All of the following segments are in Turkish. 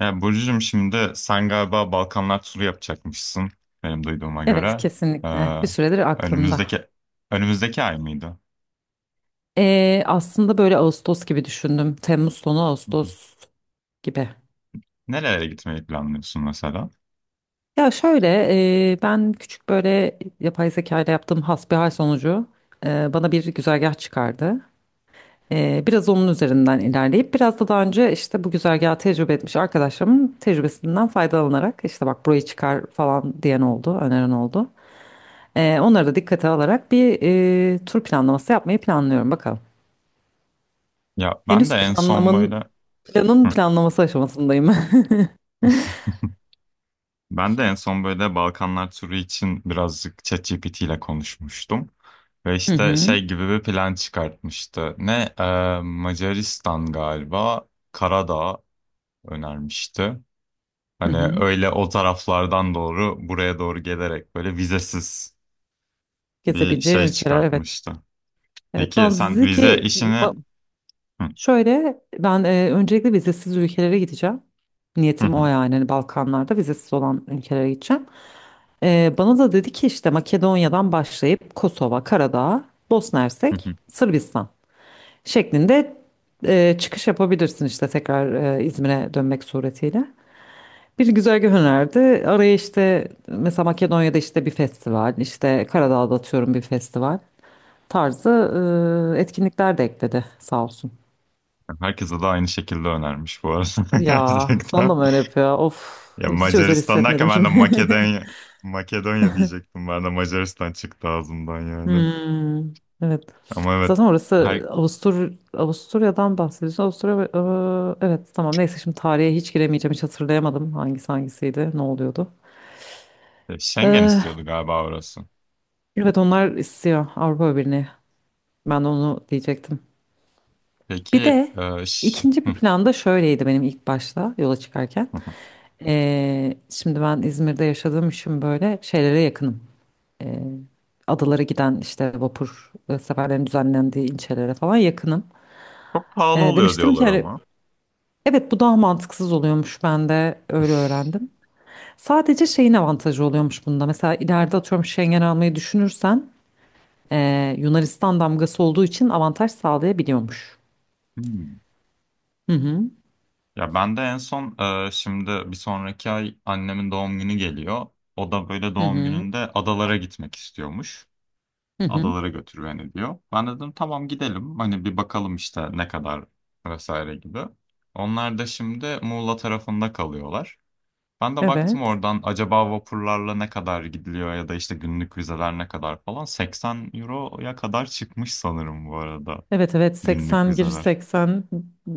Ya Burcu'cum, şimdi sen galiba Balkanlar turu yapacakmışsın benim duyduğuma Evet göre. kesinlikle Ee, bir süredir aklımda. önümüzdeki önümüzdeki ay mıydı? Aslında böyle Ağustos gibi düşündüm. Temmuz sonu Hı hı. Ağustos gibi. Nerelere gitmeyi planlıyorsun mesela? Ya şöyle ben küçük böyle yapay zeka ile yaptığım hasbihal sonucu bana bir güzergah çıkardı. Biraz onun üzerinden ilerleyip biraz da daha önce işte bu güzergahı tecrübe etmiş arkadaşlarımın tecrübesinden faydalanarak işte bak burayı çıkar falan diyen oldu, öneren oldu. Onları da dikkate alarak bir tur planlaması yapmayı planlıyorum bakalım. Ya ben de Henüz en son böyle. planlamanın Planın Hı. planlaması aşamasındayım. Ben de en son böyle Balkanlar turu için birazcık ChatGPT ile konuşmuştum. Ve Hı işte hı. şey gibi bir plan çıkartmıştı. Ne? Macaristan, galiba Karadağ önermişti. Hı Hani hı. öyle o taraflardan doğru buraya doğru gelerek böyle vizesiz bir Gezebileceğin şey ülkeler evet. çıkartmıştı. Evet Peki bana sen dedi vize ki işini, ba- hı, şöyle ben öncelikle vizesiz ülkelere gideceğim. hı, Niyetim o hı, yani hani Balkanlarda vizesiz olan ülkelere gideceğim. Bana da dedi ki işte Makedonya'dan başlayıp Kosova, Karadağ, Bosna hı, Hersek, hı, Sırbistan şeklinde çıkış yapabilirsin işte tekrar İzmir'e dönmek suretiyle. Bir güzergah önerdi. Araya işte mesela Makedonya'da işte bir festival, işte Karadağ'da atıyorum bir festival tarzı etkinlikler de ekledi sağ olsun. herkese de aynı şekilde önermiş bu arada Ya sana da gerçekten. mı öyle yapıyor? Of Ya hiç özel Macaristan derken hissetmedim ben de şimdi. Makedonya, Makedonya diyecektim. Ben de Macaristan çıktı ağzımdan yani. Hmm, evet. Ama evet, Zaten her orası Avusturya'dan bahsediyorsun. Avusturya evet tamam neyse şimdi tarihe hiç giremeyeceğim hiç hatırlayamadım hangisi hangisiydi ne oluyordu. Schengen Eh, istiyordu galiba orası. evet onlar istiyor Avrupa Birliği. Ben de onu diyecektim. Bir Peki de ikinci bir planda şöyleydi benim ilk başta yola çıkarken. hı, hı, Şimdi ben İzmir'de yaşadığım için böyle şeylere yakınım. Ee, adalara giden işte vapur seferlerin düzenlendiği ilçelere falan yakınım. çok pahalı oluyor Demiştim ki diyorlar hani, ama. evet bu daha mantıksız oluyormuş ben de öyle öğrendim. Sadece şeyin avantajı oluyormuş bunda. Mesela ileride atıyorum Schengen almayı düşünürsen Yunanistan damgası olduğu için avantaj sağlayabiliyormuş. Hı. Hı hı. Ya ben de en son, şimdi bir sonraki ay annemin doğum günü geliyor. O da böyle Hı doğum hı. gününde adalara gitmek istiyormuş. Hı hı. Adalara götür beni diyor. Ben dedim tamam, gidelim. Hani bir bakalım işte ne kadar vesaire gibi. Onlar da şimdi Muğla tarafında kalıyorlar. Ben de baktım Evet. oradan acaba vapurlarla ne kadar gidiliyor ya da işte günlük vizeler ne kadar falan. 80 euroya kadar çıkmış sanırım bu arada Evet evet günlük 80 giriş vizeler. 80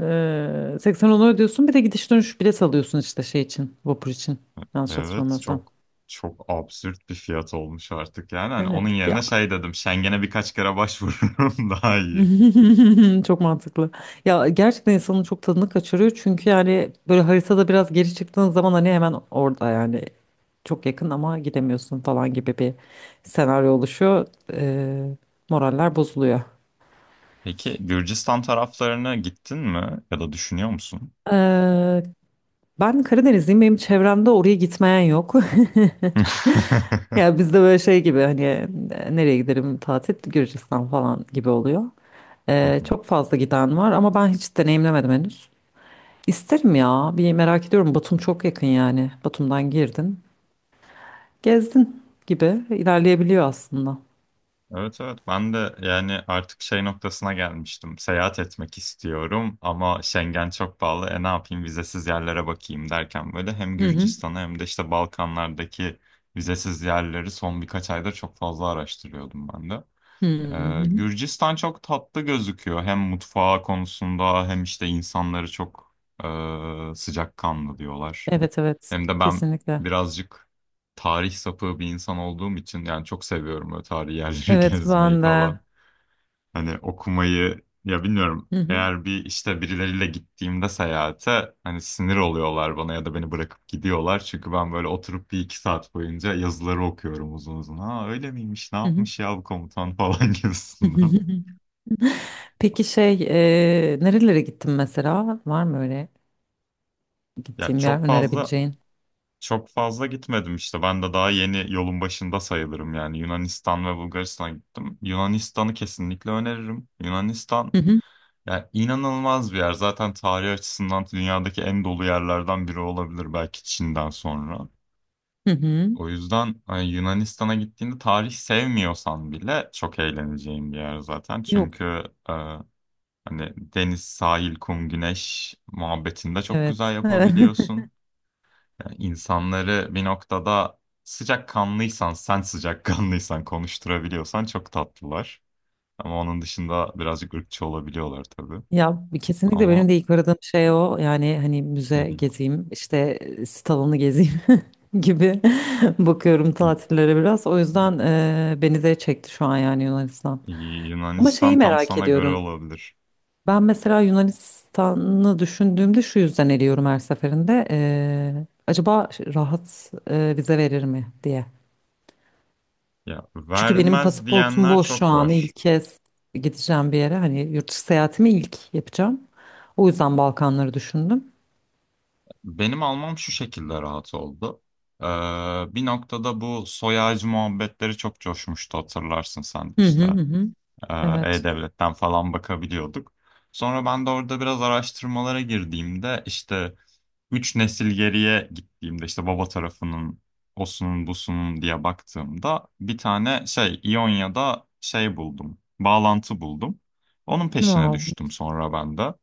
80 onu ödüyorsun bir de gidiş dönüş bilet alıyorsun işte şey için vapur için yanlış Evet, hatırlamıyorsam. çok absürt bir fiyat olmuş artık yani. Hani onun Evet yerine ya şey dedim, Schengen'e birkaç kere başvururum daha iyi. çok mantıklı. Ya gerçekten insanın çok tadını kaçırıyor çünkü yani böyle haritada biraz geri çıktığın zaman hani hemen orada yani çok yakın ama gidemiyorsun falan gibi bir senaryo oluşuyor. Eee, moraller bozuluyor. Peki Gürcistan taraflarına gittin mi ya da düşünüyor musun? Eee, ben Karadenizliyim benim çevremde oraya gitmeyen yok. Ya bizde böyle şey gibi hani nereye giderim tatil Gürcistan falan gibi oluyor. Çok fazla giden var ama ben hiç deneyimlemedim henüz. İsterim ya bir merak ediyorum Batum çok yakın yani Batum'dan girdin gezdin gibi ilerleyebiliyor aslında. Evet evet, ben de yani artık şey noktasına gelmiştim. Seyahat etmek istiyorum ama Schengen çok pahalı. E ne yapayım, vizesiz yerlere bakayım derken böyle hem Hı hı. Gürcistan'a hem de işte Balkanlardaki vizesiz yerleri son birkaç ayda çok fazla araştırıyordum ben de. Hı hı. Hı. Gürcistan çok tatlı gözüküyor. Hem mutfağı konusunda hem işte insanları çok sıcakkanlı diyorlar. Evet evet Hem de ben kesinlikle. birazcık tarih sapığı bir insan olduğum için yani çok seviyorum böyle tarihi yerleri Evet gezmeyi ben de. falan. Hani okumayı ya, bilmiyorum. Hı hı. Eğer bir işte birileriyle gittiğimde seyahate hani sinir oluyorlar bana ya da beni bırakıp gidiyorlar. Çünkü ben böyle oturup bir iki saat boyunca yazıları okuyorum uzun uzun. Ha öyle miymiş, ne Hı hı. yapmış ya bu komutan falan gibisinden. Peki şey nerelere gittin mesela var mı öyle Ya gittiğin bir yer çok fazla önerebileceğin? çok fazla gitmedim işte. Ben de daha yeni yolun başında sayılırım yani. Yunanistan ve Bulgaristan'a gittim. Yunanistan'ı kesinlikle öneririm. Yunanistan Hı hı. ya, inanılmaz bir yer. Zaten tarih açısından dünyadaki en dolu yerlerden biri olabilir belki, Çin'den sonra. Hı hı. O yüzden hani Yunanistan'a gittiğinde tarih sevmiyorsan bile çok eğleneceğin bir yer zaten. Yok Çünkü e, hani deniz, sahil, kum, güneş muhabbetini de çok evet. güzel Evet. yapabiliyorsun. Yani insanları bir noktada sıcakkanlıysan, sen sıcakkanlıysan konuşturabiliyorsan çok tatlılar. Ama onun dışında birazcık ırkçı olabiliyorlar tabii. Ya kesinlikle benim Ama de ilk aradığım şey o. Yani hani hı müze hı. gezeyim, işte sit alanı gezeyim gibi bakıyorum Y- tatillere biraz. O yüzden beni de çekti şu an yani Yunanistan. Ama şeyi Yunanistan tam merak sana göre ediyorum. olabilir. Ben mesela Yunanistan'ı düşündüğümde şu yüzden eliyorum her seferinde. Acaba rahat vize verir mi diye. Ya Çünkü benim vermez pasaportum diyenler boş şu çok an. var. İlk kez gideceğim bir yere. Hani yurt dışı seyahatimi ilk yapacağım. O yüzden Balkanları düşündüm. Benim almam şu şekilde rahat oldu. Ee, bir noktada bu soy ağacı muhabbetleri çok coşmuştu, hatırlarsın sen de Hı hı işte. hı. Hı. Evet. E-Devlet'ten falan bakabiliyorduk. Sonra ben de orada biraz araştırmalara girdiğimde işte üç nesil geriye gittiğimde işte baba tarafının osunun busunun diye baktığımda bir tane şey İonya'da şey buldum. Bağlantı buldum. Onun peşine Wow. düştüm sonra ben de.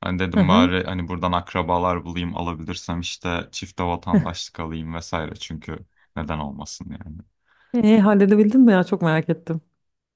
Hani Hı dedim hı. bari hani buradan akrabalar bulayım, alabilirsem işte çifte vatandaşlık alayım vesaire, çünkü neden olmasın yani. Halledebildin mi ya? Çok merak ettim.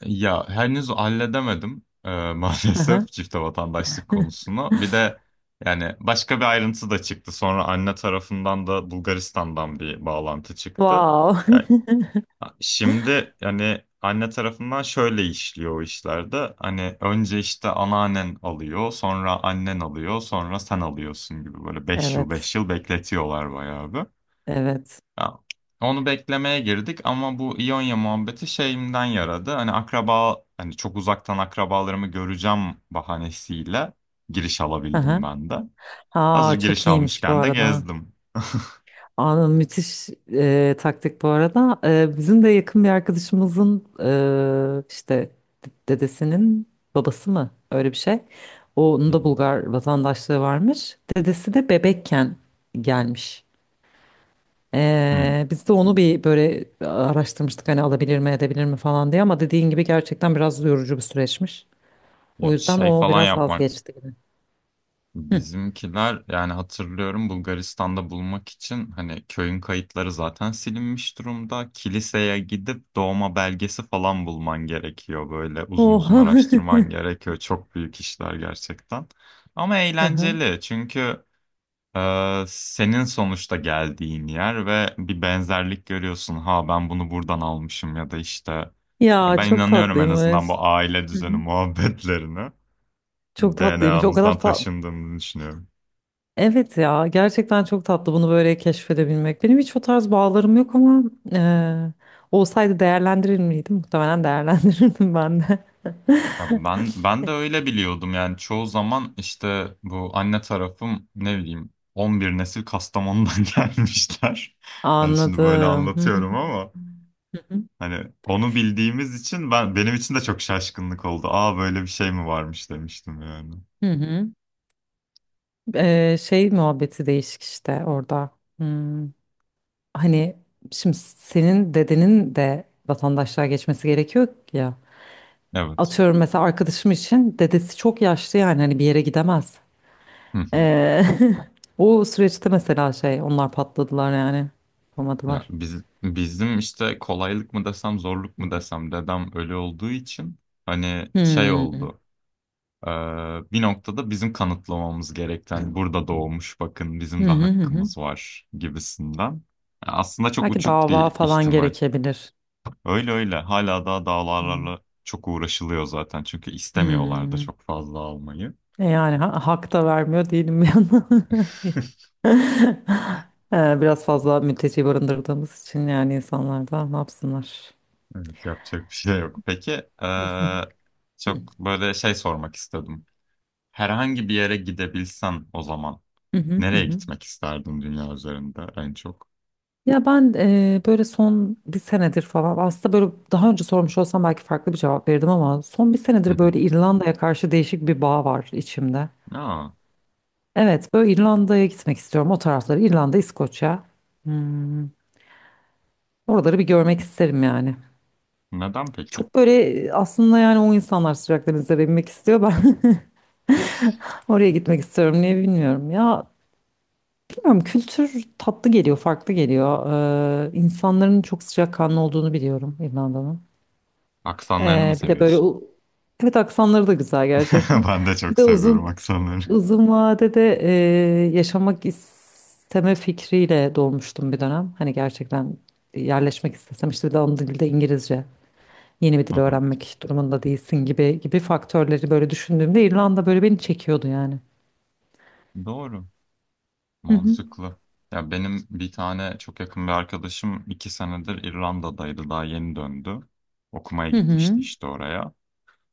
Ya henüz halledemedim Hı hı. maalesef çifte vatandaşlık konusunu. Bir de yani başka bir ayrıntı da çıktı. Sonra anne tarafından da Bulgaristan'dan bir bağlantı çıktı. Wow. Yani şimdi yani anne tarafından şöyle işliyor o işlerde. Hani önce işte anneannen alıyor, sonra annen alıyor, sonra sen alıyorsun gibi, böyle beş yıl Evet. 5 yıl bekletiyorlar bayağı bir. Evet. Ya, onu beklemeye girdik ama bu İonya muhabbeti şeyimden yaradı. Hani akraba, hani çok uzaktan akrabalarımı göreceğim bahanesiyle giriş Hı alabildim hı. ben de. Hazır Aa, çok giriş iyiymiş bu almışken de arada. gezdim. Anın müthiş taktik bu arada. Bizim de yakın bir arkadaşımızın işte dedesinin babası mı öyle bir şey. Hı Onun da hı. Bulgar vatandaşlığı varmış. Dedesi de bebekken gelmiş. Hı. Biz de onu bir böyle araştırmıştık hani alabilir mi edebilir mi falan diye ama dediğin gibi gerçekten biraz yorucu bir süreçmiş. O Ya yüzden şey o falan biraz yapmak, vazgeçti gibi. bizimkiler yani hatırlıyorum Bulgaristan'da bulmak için hani köyün kayıtları zaten silinmiş durumda. Kiliseye gidip doğma belgesi falan bulman gerekiyor. Böyle uzun uzun Oha. araştırman gerekiyor. Çok büyük işler gerçekten. Ama Aha. eğlenceli çünkü senin sonuçta geldiğin yer ve bir benzerlik görüyorsun. Ha, ben bunu buradan almışım ya da işte, ya Ya ben çok inanıyorum en tatlıymış. azından bu aile Hı hı. düzeni muhabbetlerine. Çok tatlıymış. DNA'mızdan taşındığını düşünüyorum. Evet ya gerçekten çok tatlı bunu böyle keşfedebilmek. Benim hiç o tarz bağlarım yok ama eee, olsaydı değerlendirir miydim? Muhtemelen değerlendirirdim ben de. Ya ben de öyle biliyordum yani çoğu zaman işte bu anne tarafım, ne bileyim, 11 nesil Kastamonu'dan gelmişler. Yani şimdi böyle Anladım. Hı hı. anlatıyorum ama Hı hı. hani onu bildiğimiz için ben, benim için de çok şaşkınlık oldu. Aa, böyle bir şey mi varmış, demiştim yani. Hı. Şey muhabbeti değişik işte orada. Hmm. Hani şimdi senin dedenin de vatandaşlığa geçmesi gerekiyor ya. Evet. Atıyorum mesela arkadaşım için dedesi çok yaşlı yani hani bir yere gidemez. Hı hı. Ee, o süreçte mesela şey onlar patladılar yani. Ya Yapamadılar. biz, bizim işte kolaylık mı desem zorluk mu desem, dedem ölü olduğu için hani şey Hmm. oldu. Ee, bir noktada bizim kanıtlamamız gereken, hani burada doğmuş, bakın Hı bizim de hı hı. Hı. hakkımız var gibisinden. Yani aslında çok Belki uçuk dava bir falan ihtimal. gerekebilir. Öyle öyle, hala daha Hmm. davalarla çok uğraşılıyor zaten çünkü istemiyorlar da Hmm. çok fazla almayı. E yani hak da vermiyor değilim bir yandan. Biraz fazla mülteci barındırdığımız için yani insanlar da ne yapsınlar? Evet, yapacak bir şey yok. Peki Hı ee, hı hı. çok böyle şey sormak istedim. Herhangi bir yere gidebilsen o zaman Hı hı nereye hı. gitmek isterdin dünya üzerinde en çok? Ya ben böyle son bir senedir falan aslında böyle daha önce sormuş olsam belki farklı bir cevap verirdim ama son bir Hı senedir hı. böyle İrlanda'ya karşı değişik bir bağ var içimde. Aa, Evet böyle İrlanda'ya gitmek istiyorum o tarafları İrlanda, İskoçya. Hmm, Oraları bir görmek isterim yani. neden peki? Çok böyle aslında yani o insanlar sıcak denizlere inmek istiyor ben oraya gitmek istiyorum niye bilmiyorum. Ya bilmiyorum kültür tatlı geliyor farklı geliyor. İnsanların çok sıcakkanlı olduğunu biliyorum İrlanda'nın. Aksanlarını mı Bir de böyle seviyorsun? Evet aksanları da güzel gerçekten. Ben de Bir çok de seviyorum uzun aksanları. uzun vadede yaşamak isteme fikriyle dolmuştum bir dönem. Hani gerçekten yerleşmek istesem işte bir de ana dilde İngilizce yeni bir Hı dil hı. öğrenmek durumunda değilsin gibi gibi faktörleri böyle düşündüğümde İrlanda böyle beni çekiyordu yani. Doğru, Hı hı. mantıklı. Ya benim bir tane çok yakın bir arkadaşım iki senedir İrlanda'daydı, daha yeni döndü. Okumaya Hı hı. gitmişti işte oraya.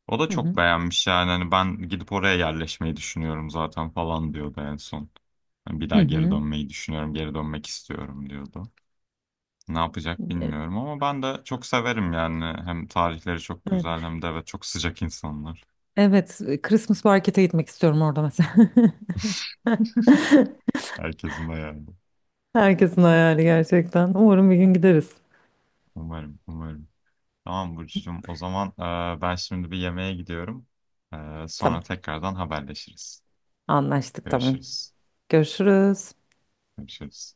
O da Hı çok hı. beğenmiş yani, hani ben gidip oraya yerleşmeyi düşünüyorum zaten falan diyordu en son. Hani bir Hı daha geri hı. dönmeyi düşünüyorum, geri dönmek istiyorum diyordu. Ne yapacak E- bilmiyorum, ama ben de çok severim yani. Hem tarihleri çok Evet. güzel hem de evet çok sıcak insanlar. Evet, Christmas market'e gitmek istiyorum orada mesela. Herkesin de yani. Herkesin hayali gerçekten. Umarım bir gün gideriz. Umarım, umarım. Tamam Burcucuğum. O zaman ben şimdi bir yemeğe gidiyorum. E, Tamam. sonra tekrardan haberleşiriz. Anlaştık tamam. Görüşürüz. Görüşürüz. Görüşürüz.